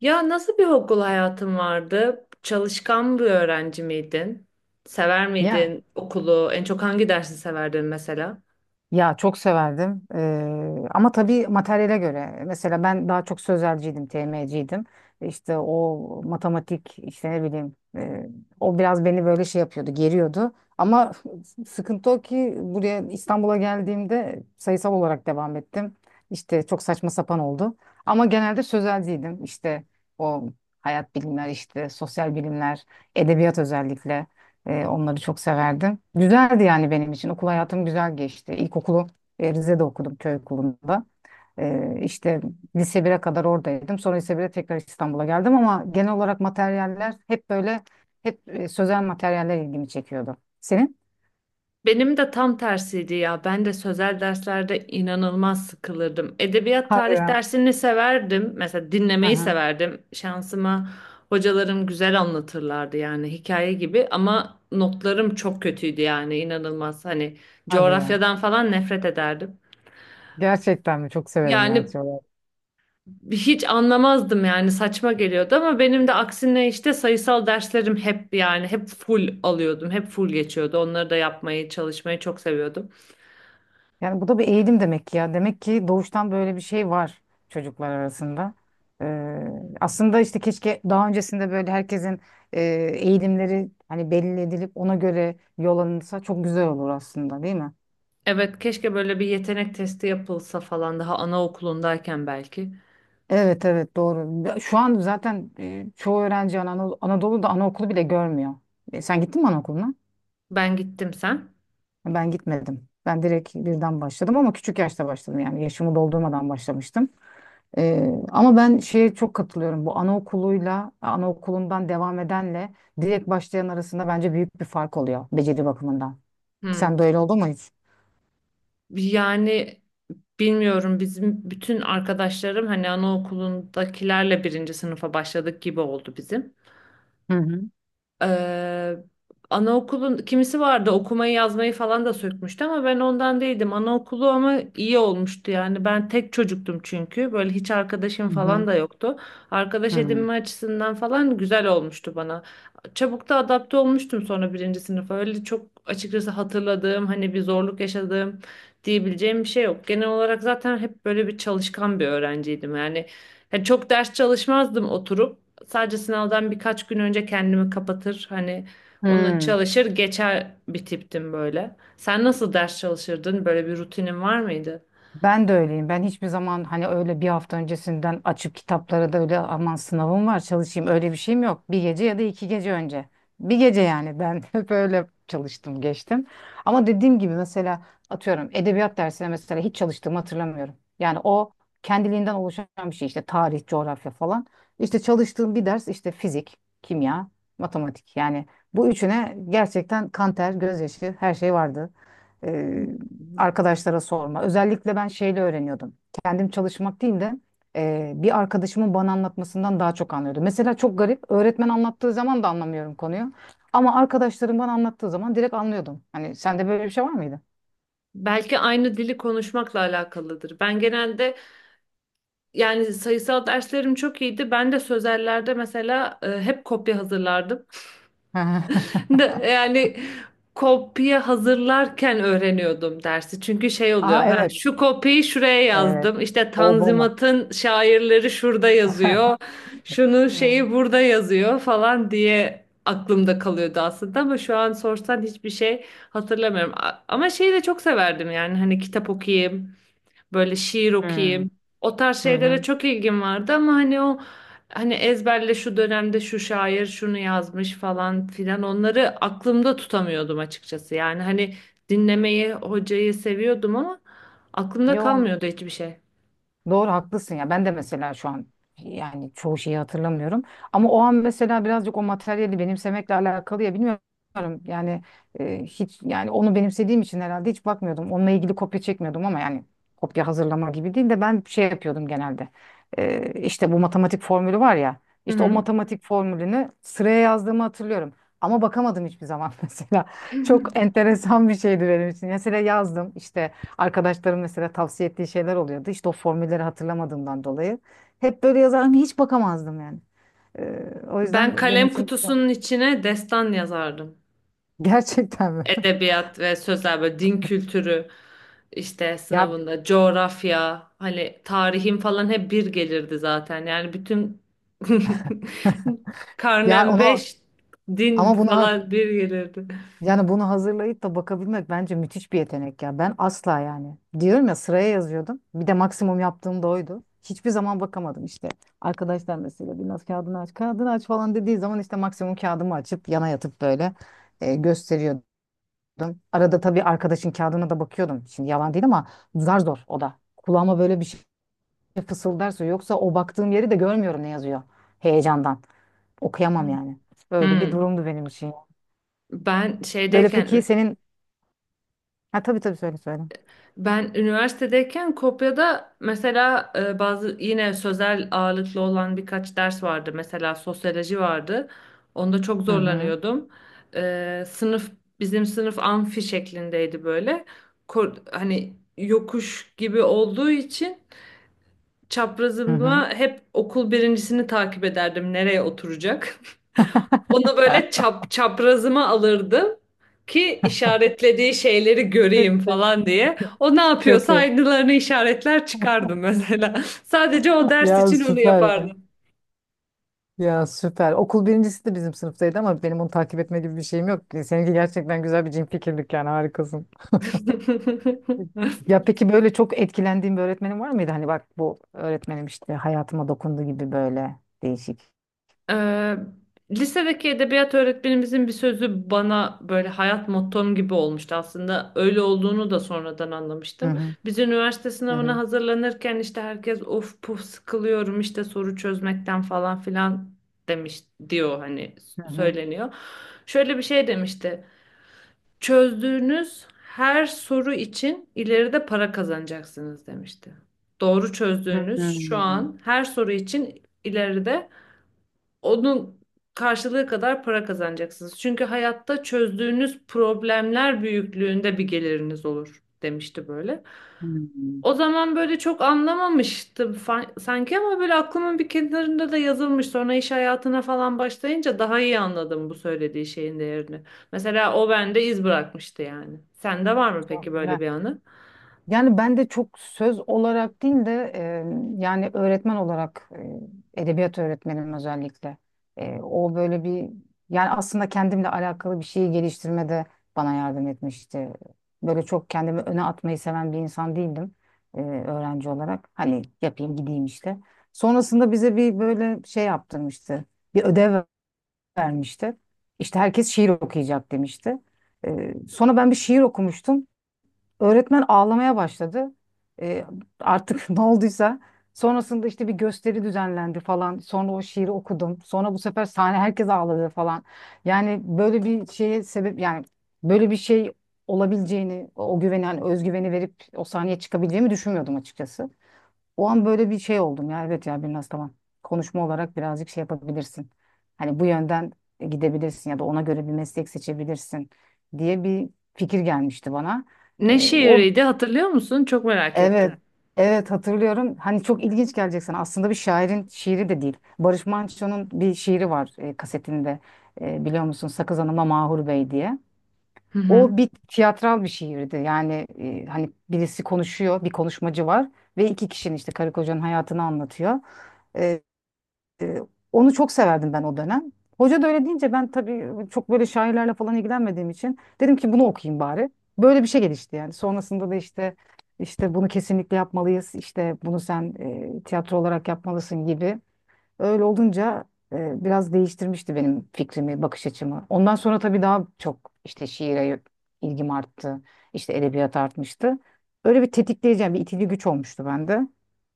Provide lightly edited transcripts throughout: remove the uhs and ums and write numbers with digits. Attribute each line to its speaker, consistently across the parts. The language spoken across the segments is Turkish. Speaker 1: Ya nasıl bir okul hayatın vardı? Çalışkan bir öğrenci miydin? Sever
Speaker 2: Ya
Speaker 1: miydin okulu? En çok hangi dersi severdin mesela?
Speaker 2: ya, çok severdim. Ama tabii materyale göre. Mesela ben daha çok sözelciydim, TM'ciydim. İşte o matematik işte ne bileyim o biraz beni böyle şey yapıyordu, geriyordu. Ama sıkıntı o ki buraya İstanbul'a geldiğimde sayısal olarak devam ettim. İşte çok saçma sapan oldu. Ama genelde sözelciydim. İşte o hayat bilimler, işte sosyal bilimler, edebiyat özellikle. Onları çok severdim. Güzeldi yani benim için. Okul hayatım güzel geçti. İlkokulu Rize'de okudum köy okulunda. İşte lise 1'e kadar oradaydım. Sonra lise 1'e tekrar İstanbul'a geldim ama genel olarak materyaller hep böyle hep sözel materyaller ilgimi çekiyordu. Senin?
Speaker 1: Benim de tam tersiydi ya. Ben de sözel derslerde inanılmaz sıkılırdım. Edebiyat
Speaker 2: Hadi
Speaker 1: tarih
Speaker 2: ya.
Speaker 1: dersini severdim. Mesela
Speaker 2: Hı
Speaker 1: dinlemeyi
Speaker 2: hı.
Speaker 1: severdim. Şansıma hocalarım güzel anlatırlardı yani hikaye gibi ama notlarım çok kötüydü yani inanılmaz. Hani
Speaker 2: Hadi ya.
Speaker 1: coğrafyadan falan nefret ederdim.
Speaker 2: Gerçekten mi? Çok severim ya.
Speaker 1: Yani hiç anlamazdım yani saçma geliyordu ama benim de aksine işte sayısal derslerim hep yani hep full alıyordum. Hep full geçiyordu. Onları da yapmayı, çalışmayı çok seviyordum.
Speaker 2: Yani bu da bir eğilim demek ki ya. Demek ki doğuştan böyle bir şey var çocuklar arasında. Ee, Aslında işte keşke daha öncesinde böyle herkesin e, eğilimleri hani belli edilip ona göre yol alınsa çok güzel olur aslında değil mi?
Speaker 1: Evet, keşke böyle bir yetenek testi yapılsa falan daha anaokulundayken belki.
Speaker 2: Evet evet, doğru. Ya, şu an zaten çoğu öğrenci Anadolu'da anaokulu bile görmüyor. Sen gittin mi anaokuluna?
Speaker 1: Ben gittim sen.
Speaker 2: Ben gitmedim. Ben direkt birden başladım ama küçük yaşta başladım yani yaşımı doldurmadan başlamıştım. Ee, Ama ben şeye çok katılıyorum. Bu anaokuluyla, anaokulundan devam edenle direkt başlayan arasında bence büyük bir fark oluyor beceri bakımından.
Speaker 1: Hmm.
Speaker 2: Sen de öyle oldu mu hiç?
Speaker 1: Yani bilmiyorum bizim bütün arkadaşlarım hani anaokulundakilerle birinci sınıfa başladık gibi oldu bizim.
Speaker 2: Hı hı.
Speaker 1: Ee, anaokulun kimisi vardı okumayı yazmayı falan da sökmüştü ama ben ondan değildim. Anaokulu ama iyi olmuştu yani. Ben tek çocuktum çünkü. Böyle hiç arkadaşım
Speaker 2: Hı
Speaker 1: falan
Speaker 2: hı.
Speaker 1: da yoktu. Arkadaş
Speaker 2: Hı.
Speaker 1: edinme açısından falan güzel olmuştu bana. Çabuk da adapte olmuştum sonra birinci sınıfa. Öyle çok açıkçası hatırladığım hani bir zorluk yaşadığım diyebileceğim bir şey yok. Genel olarak zaten hep böyle bir çalışkan bir öğrenciydim. Yani çok ders çalışmazdım oturup. Sadece sınavdan birkaç gün önce kendimi kapatır hani onu
Speaker 2: Hı.
Speaker 1: çalışır geçer bir tiptim böyle. Sen nasıl ders çalışırdın? Böyle bir rutinin var mıydı?
Speaker 2: Ben de öyleyim. Ben hiçbir zaman hani öyle bir hafta öncesinden açıp kitaplara da öyle aman sınavım var çalışayım öyle bir şeyim yok. Bir gece ya da iki gece önce. Bir gece yani ben hep öyle çalıştım geçtim. Ama dediğim gibi mesela atıyorum edebiyat dersine mesela hiç çalıştığımı hatırlamıyorum. Yani o kendiliğinden oluşan bir şey işte tarih, coğrafya falan. İşte çalıştığım bir ders işte fizik, kimya, matematik. Yani bu üçüne gerçekten kan ter, gözyaşı her şey vardı e, arkadaşlara sorma. Özellikle ben şeyle öğreniyordum. Kendim çalışmak değil de bir arkadaşımın bana anlatmasından daha çok anlıyordum. Mesela çok garip. Öğretmen anlattığı zaman da anlamıyorum konuyu. Ama arkadaşlarım bana anlattığı zaman direkt anlıyordum. Hani sende böyle bir şey var mıydı?
Speaker 1: Belki aynı dili konuşmakla alakalıdır. Ben genelde yani sayısal derslerim çok iyiydi. Ben de sözellerde mesela hep kopya hazırlardım. Yani kopya hazırlarken öğreniyordum dersi. Çünkü şey oluyor.
Speaker 2: Aa,
Speaker 1: Ha,
Speaker 2: evet.
Speaker 1: şu kopyayı şuraya
Speaker 2: Evet.
Speaker 1: yazdım. İşte
Speaker 2: O bomba.
Speaker 1: Tanzimat'ın şairleri şurada yazıyor. Şunun
Speaker 2: Hmm.
Speaker 1: şeyi burada yazıyor falan diye aklımda kalıyordu aslında ama şu an sorsan hiçbir şey hatırlamıyorum. Ama şeyi de çok severdim yani hani kitap okuyayım. Böyle şiir
Speaker 2: Hmm.
Speaker 1: okuyayım. O tarz
Speaker 2: Hı
Speaker 1: şeylere
Speaker 2: hı.
Speaker 1: çok ilgim vardı ama hani o hani ezberle şu dönemde şu şair şunu yazmış falan filan onları aklımda tutamıyordum açıkçası. Yani hani dinlemeyi, hocayı seviyordum ama aklımda
Speaker 2: Yok.
Speaker 1: kalmıyordu hiçbir şey.
Speaker 2: Doğru, haklısın ya. Ben de mesela şu an yani çoğu şeyi hatırlamıyorum. Ama o an mesela birazcık o materyali benimsemekle alakalı ya, bilmiyorum. Yani hiç yani onu benimsediğim için herhalde hiç bakmıyordum. Onunla ilgili kopya çekmiyordum ama yani kopya hazırlama gibi değil de ben şey yapıyordum genelde. İşte bu matematik formülü var ya.
Speaker 1: Hı
Speaker 2: İşte o
Speaker 1: hı.
Speaker 2: matematik formülünü sıraya yazdığımı hatırlıyorum. Ama bakamadım hiçbir zaman mesela. Çok enteresan bir şeydi benim için. Mesela yazdım işte arkadaşlarım mesela tavsiye ettiği şeyler oluyordu. İşte o formülleri hatırlamadığımdan dolayı. Hep böyle yazardım. Hiç bakamazdım yani. O
Speaker 1: Ben
Speaker 2: yüzden benim
Speaker 1: kalem
Speaker 2: için
Speaker 1: kutusunun içine destan yazardım.
Speaker 2: gerçekten mi?
Speaker 1: Edebiyat ve sözler böyle din kültürü işte
Speaker 2: Ya
Speaker 1: sınavında coğrafya hani tarihim falan hep bir gelirdi zaten. Yani bütün
Speaker 2: ya,
Speaker 1: karnem
Speaker 2: ona
Speaker 1: 5 din
Speaker 2: ama buna
Speaker 1: falan bir gelirdi.
Speaker 2: yani bunu hazırlayıp da bakabilmek bence müthiş bir yetenek ya. Ben asla yani. Diyorum ya, sıraya yazıyordum. Bir de maksimum yaptığım da oydu. Hiçbir zaman bakamadım işte. Arkadaşlar mesela biraz kağıdını aç, kağıdını aç falan dediği zaman işte maksimum kağıdımı açıp yana yatıp böyle gösteriyordu. Arada tabii arkadaşın kağıdına da bakıyordum. Şimdi yalan değil ama zar zor o da. Kulağıma böyle bir şey fısıldarsa yoksa o baktığım yeri de görmüyorum ne yazıyor heyecandan. Okuyamam yani. Böyle bir
Speaker 1: Hmm.
Speaker 2: durumdu benim için.
Speaker 1: Ben
Speaker 2: Böyle peki
Speaker 1: şeydeyken
Speaker 2: senin... Ha, tabii tabii, söyle söyle.
Speaker 1: Ben üniversitedeyken Kopya'da mesela bazı yine sözel ağırlıklı olan birkaç ders vardı. Mesela sosyoloji vardı. Onda çok
Speaker 2: Hı hı.
Speaker 1: zorlanıyordum. E, sınıf bizim sınıf amfi şeklindeydi böyle. Hani yokuş gibi olduğu için
Speaker 2: Hı hı.
Speaker 1: çaprazımda hep okul birincisini takip ederdim nereye oturacak. Onu böyle çaprazıma alırdım ki işaretlediği şeyleri
Speaker 2: Çok
Speaker 1: göreyim
Speaker 2: iyi.
Speaker 1: falan diye. O ne
Speaker 2: Çok
Speaker 1: yapıyorsa
Speaker 2: iyi.
Speaker 1: aynılarını işaretler çıkardım mesela. Sadece o ders
Speaker 2: Ya,
Speaker 1: için onu
Speaker 2: süper.
Speaker 1: yapardım.
Speaker 2: Ya, süper. Okul birincisi de bizim sınıftaydı ama benim onu takip etme gibi bir şeyim yok. Seninki gerçekten güzel bir cin fikirlik, yani harikasın. Ya, peki böyle çok etkilendiğin bir öğretmenin var mıydı? Hani bak, bu öğretmenim işte hayatıma dokundu gibi böyle değişik.
Speaker 1: Ee, lisedeki edebiyat öğretmenimizin bir sözü bana böyle hayat mottom gibi olmuştu aslında. Öyle olduğunu da sonradan
Speaker 2: Hı
Speaker 1: anlamıştım.
Speaker 2: hı.
Speaker 1: Biz üniversite
Speaker 2: Hı
Speaker 1: sınavına
Speaker 2: hı.
Speaker 1: hazırlanırken işte herkes of puf sıkılıyorum işte soru çözmekten falan filan demiş diyor hani
Speaker 2: Hı hı.
Speaker 1: söyleniyor. Şöyle bir şey demişti. Çözdüğünüz her soru için ileride para kazanacaksınız demişti. Doğru
Speaker 2: Hı
Speaker 1: çözdüğünüz
Speaker 2: hı.
Speaker 1: şu an her soru için ileride onun karşılığı kadar para kazanacaksınız. Çünkü hayatta çözdüğünüz problemler büyüklüğünde bir geliriniz olur demişti böyle. O zaman böyle çok anlamamıştım sanki ama böyle aklımın bir kenarında da yazılmış. Sonra iş hayatına falan başlayınca daha iyi anladım bu söylediği şeyin değerini. Mesela o bende iz bırakmıştı yani. Sende var mı
Speaker 2: Hı
Speaker 1: peki böyle
Speaker 2: hı.
Speaker 1: bir anı?
Speaker 2: Yani ben de çok söz olarak değil de yani öğretmen olarak edebiyat öğretmenim özellikle. O böyle bir yani aslında kendimle alakalı bir şeyi geliştirmede bana yardım etmişti. Böyle çok kendimi öne atmayı seven bir insan değildim öğrenci olarak. Hani yapayım gideyim işte. Sonrasında bize bir böyle şey yaptırmıştı. Bir ödev vermişti. İşte herkes şiir okuyacak demişti. Sonra ben bir şiir okumuştum. Öğretmen ağlamaya başladı. Ee, Artık ne olduysa. Sonrasında işte bir gösteri düzenlendi falan. Sonra o şiiri okudum. Sonra bu sefer sahne herkes ağladı falan. Yani böyle bir şeye sebep yani böyle bir şey olabileceğini, o güveni hani özgüveni verip o sahneye çıkabileceğimi düşünmüyordum açıkçası. O an böyle bir şey oldum ya, evet ya, biraz tamam. Konuşma olarak birazcık şey yapabilirsin. Hani bu yönden gidebilirsin ya da ona göre bir meslek seçebilirsin diye bir fikir gelmişti bana.
Speaker 1: Ne
Speaker 2: O
Speaker 1: şiiriydi hatırlıyor musun? Çok merak
Speaker 2: Evet,
Speaker 1: ettim.
Speaker 2: evet hatırlıyorum. Hani çok ilginç gelecek sana. Aslında bir şairin şiiri de değil. Barış Manço'nun bir şiiri var kasetinde. Biliyor musun? Sakız Hanım'a Mahur Bey diye.
Speaker 1: Hı hı.
Speaker 2: O bir tiyatral bir şiirdi. Yani hani birisi konuşuyor, bir konuşmacı var ve iki kişinin işte karı kocanın hayatını anlatıyor. E, e, Onu çok severdim ben o dönem. Hoca da öyle deyince ben tabii çok böyle şairlerle falan ilgilenmediğim için dedim ki bunu okuyayım bari. Böyle bir şey gelişti yani. Sonrasında da işte bunu kesinlikle yapmalıyız. İşte bunu sen tiyatro olarak yapmalısın gibi. Öyle olunca biraz değiştirmişti benim fikrimi, bakış açımı. Ondan sonra tabii daha çok işte şiire ilgim arttı. İşte edebiyat artmıştı. Öyle bir tetikleyici, yani bir itici güç olmuştu bende.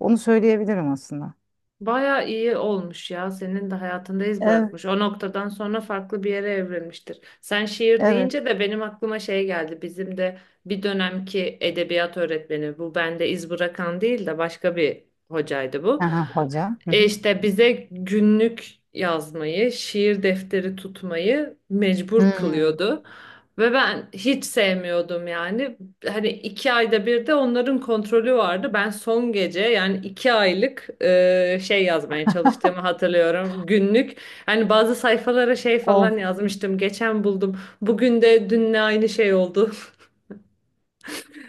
Speaker 2: Onu söyleyebilirim aslında.
Speaker 1: Baya iyi olmuş ya. Senin de hayatında iz
Speaker 2: Evet,
Speaker 1: bırakmış. O noktadan sonra farklı bir yere evrilmiştir. Sen şiir
Speaker 2: evet.
Speaker 1: deyince de benim aklıma şey geldi. Bizim de bir dönemki edebiyat öğretmeni bu bende iz bırakan değil de başka bir hocaydı bu.
Speaker 2: Aha, hoca. Hı
Speaker 1: E
Speaker 2: hı.
Speaker 1: işte bize günlük yazmayı, şiir defteri tutmayı mecbur
Speaker 2: Hmm.
Speaker 1: kılıyordu. Ve ben hiç sevmiyordum yani hani iki ayda bir de onların kontrolü vardı. Ben son gece yani iki aylık şey yazmaya çalıştığımı hatırlıyorum. Günlük. Hani bazı sayfalara şey falan
Speaker 2: Of,
Speaker 1: yazmıştım. Geçen buldum. Bugün de dünle aynı şey oldu.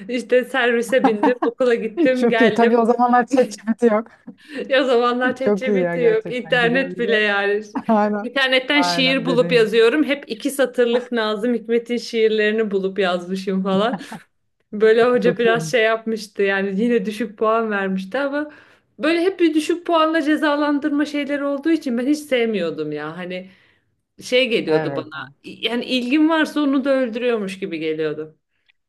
Speaker 1: İşte servise bindim, okula gittim,
Speaker 2: çok iyi. Tabii o
Speaker 1: geldim.
Speaker 2: zamanlar ChatGPT yok.
Speaker 1: O zamanlar
Speaker 2: Çok iyi
Speaker 1: ChatGPT
Speaker 2: ya,
Speaker 1: yok,
Speaker 2: gerçekten. Güzel
Speaker 1: internet bile
Speaker 2: güzel.
Speaker 1: yani.
Speaker 2: Aynen.
Speaker 1: İnternetten şiir
Speaker 2: Aynen
Speaker 1: bulup
Speaker 2: dediğin gibi.
Speaker 1: yazıyorum. Hep iki satırlık Nazım Hikmet'in şiirlerini bulup yazmışım falan. Böyle hoca
Speaker 2: Çok
Speaker 1: biraz şey
Speaker 2: iyiymiş.
Speaker 1: yapmıştı yani yine düşük puan vermişti ama böyle hep bir düşük puanla cezalandırma şeyleri olduğu için ben hiç sevmiyordum ya. Hani şey geliyordu
Speaker 2: Evet.
Speaker 1: bana yani ilgin varsa onu da öldürüyormuş gibi geliyordu.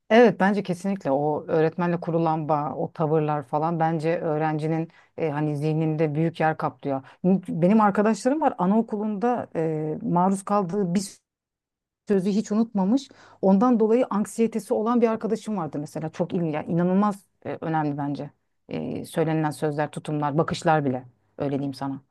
Speaker 2: Evet, bence kesinlikle o öğretmenle kurulan bağ, o tavırlar falan bence öğrencinin hani zihninde büyük yer kaplıyor. Benim arkadaşlarım var, anaokulunda maruz kaldığı bir sözü hiç unutmamış. Ondan dolayı anksiyetesi olan bir arkadaşım vardı mesela. Çok ilginç, yani inanılmaz önemli bence. Söylenilen sözler, tutumlar, bakışlar bile. Öyle diyeyim sana.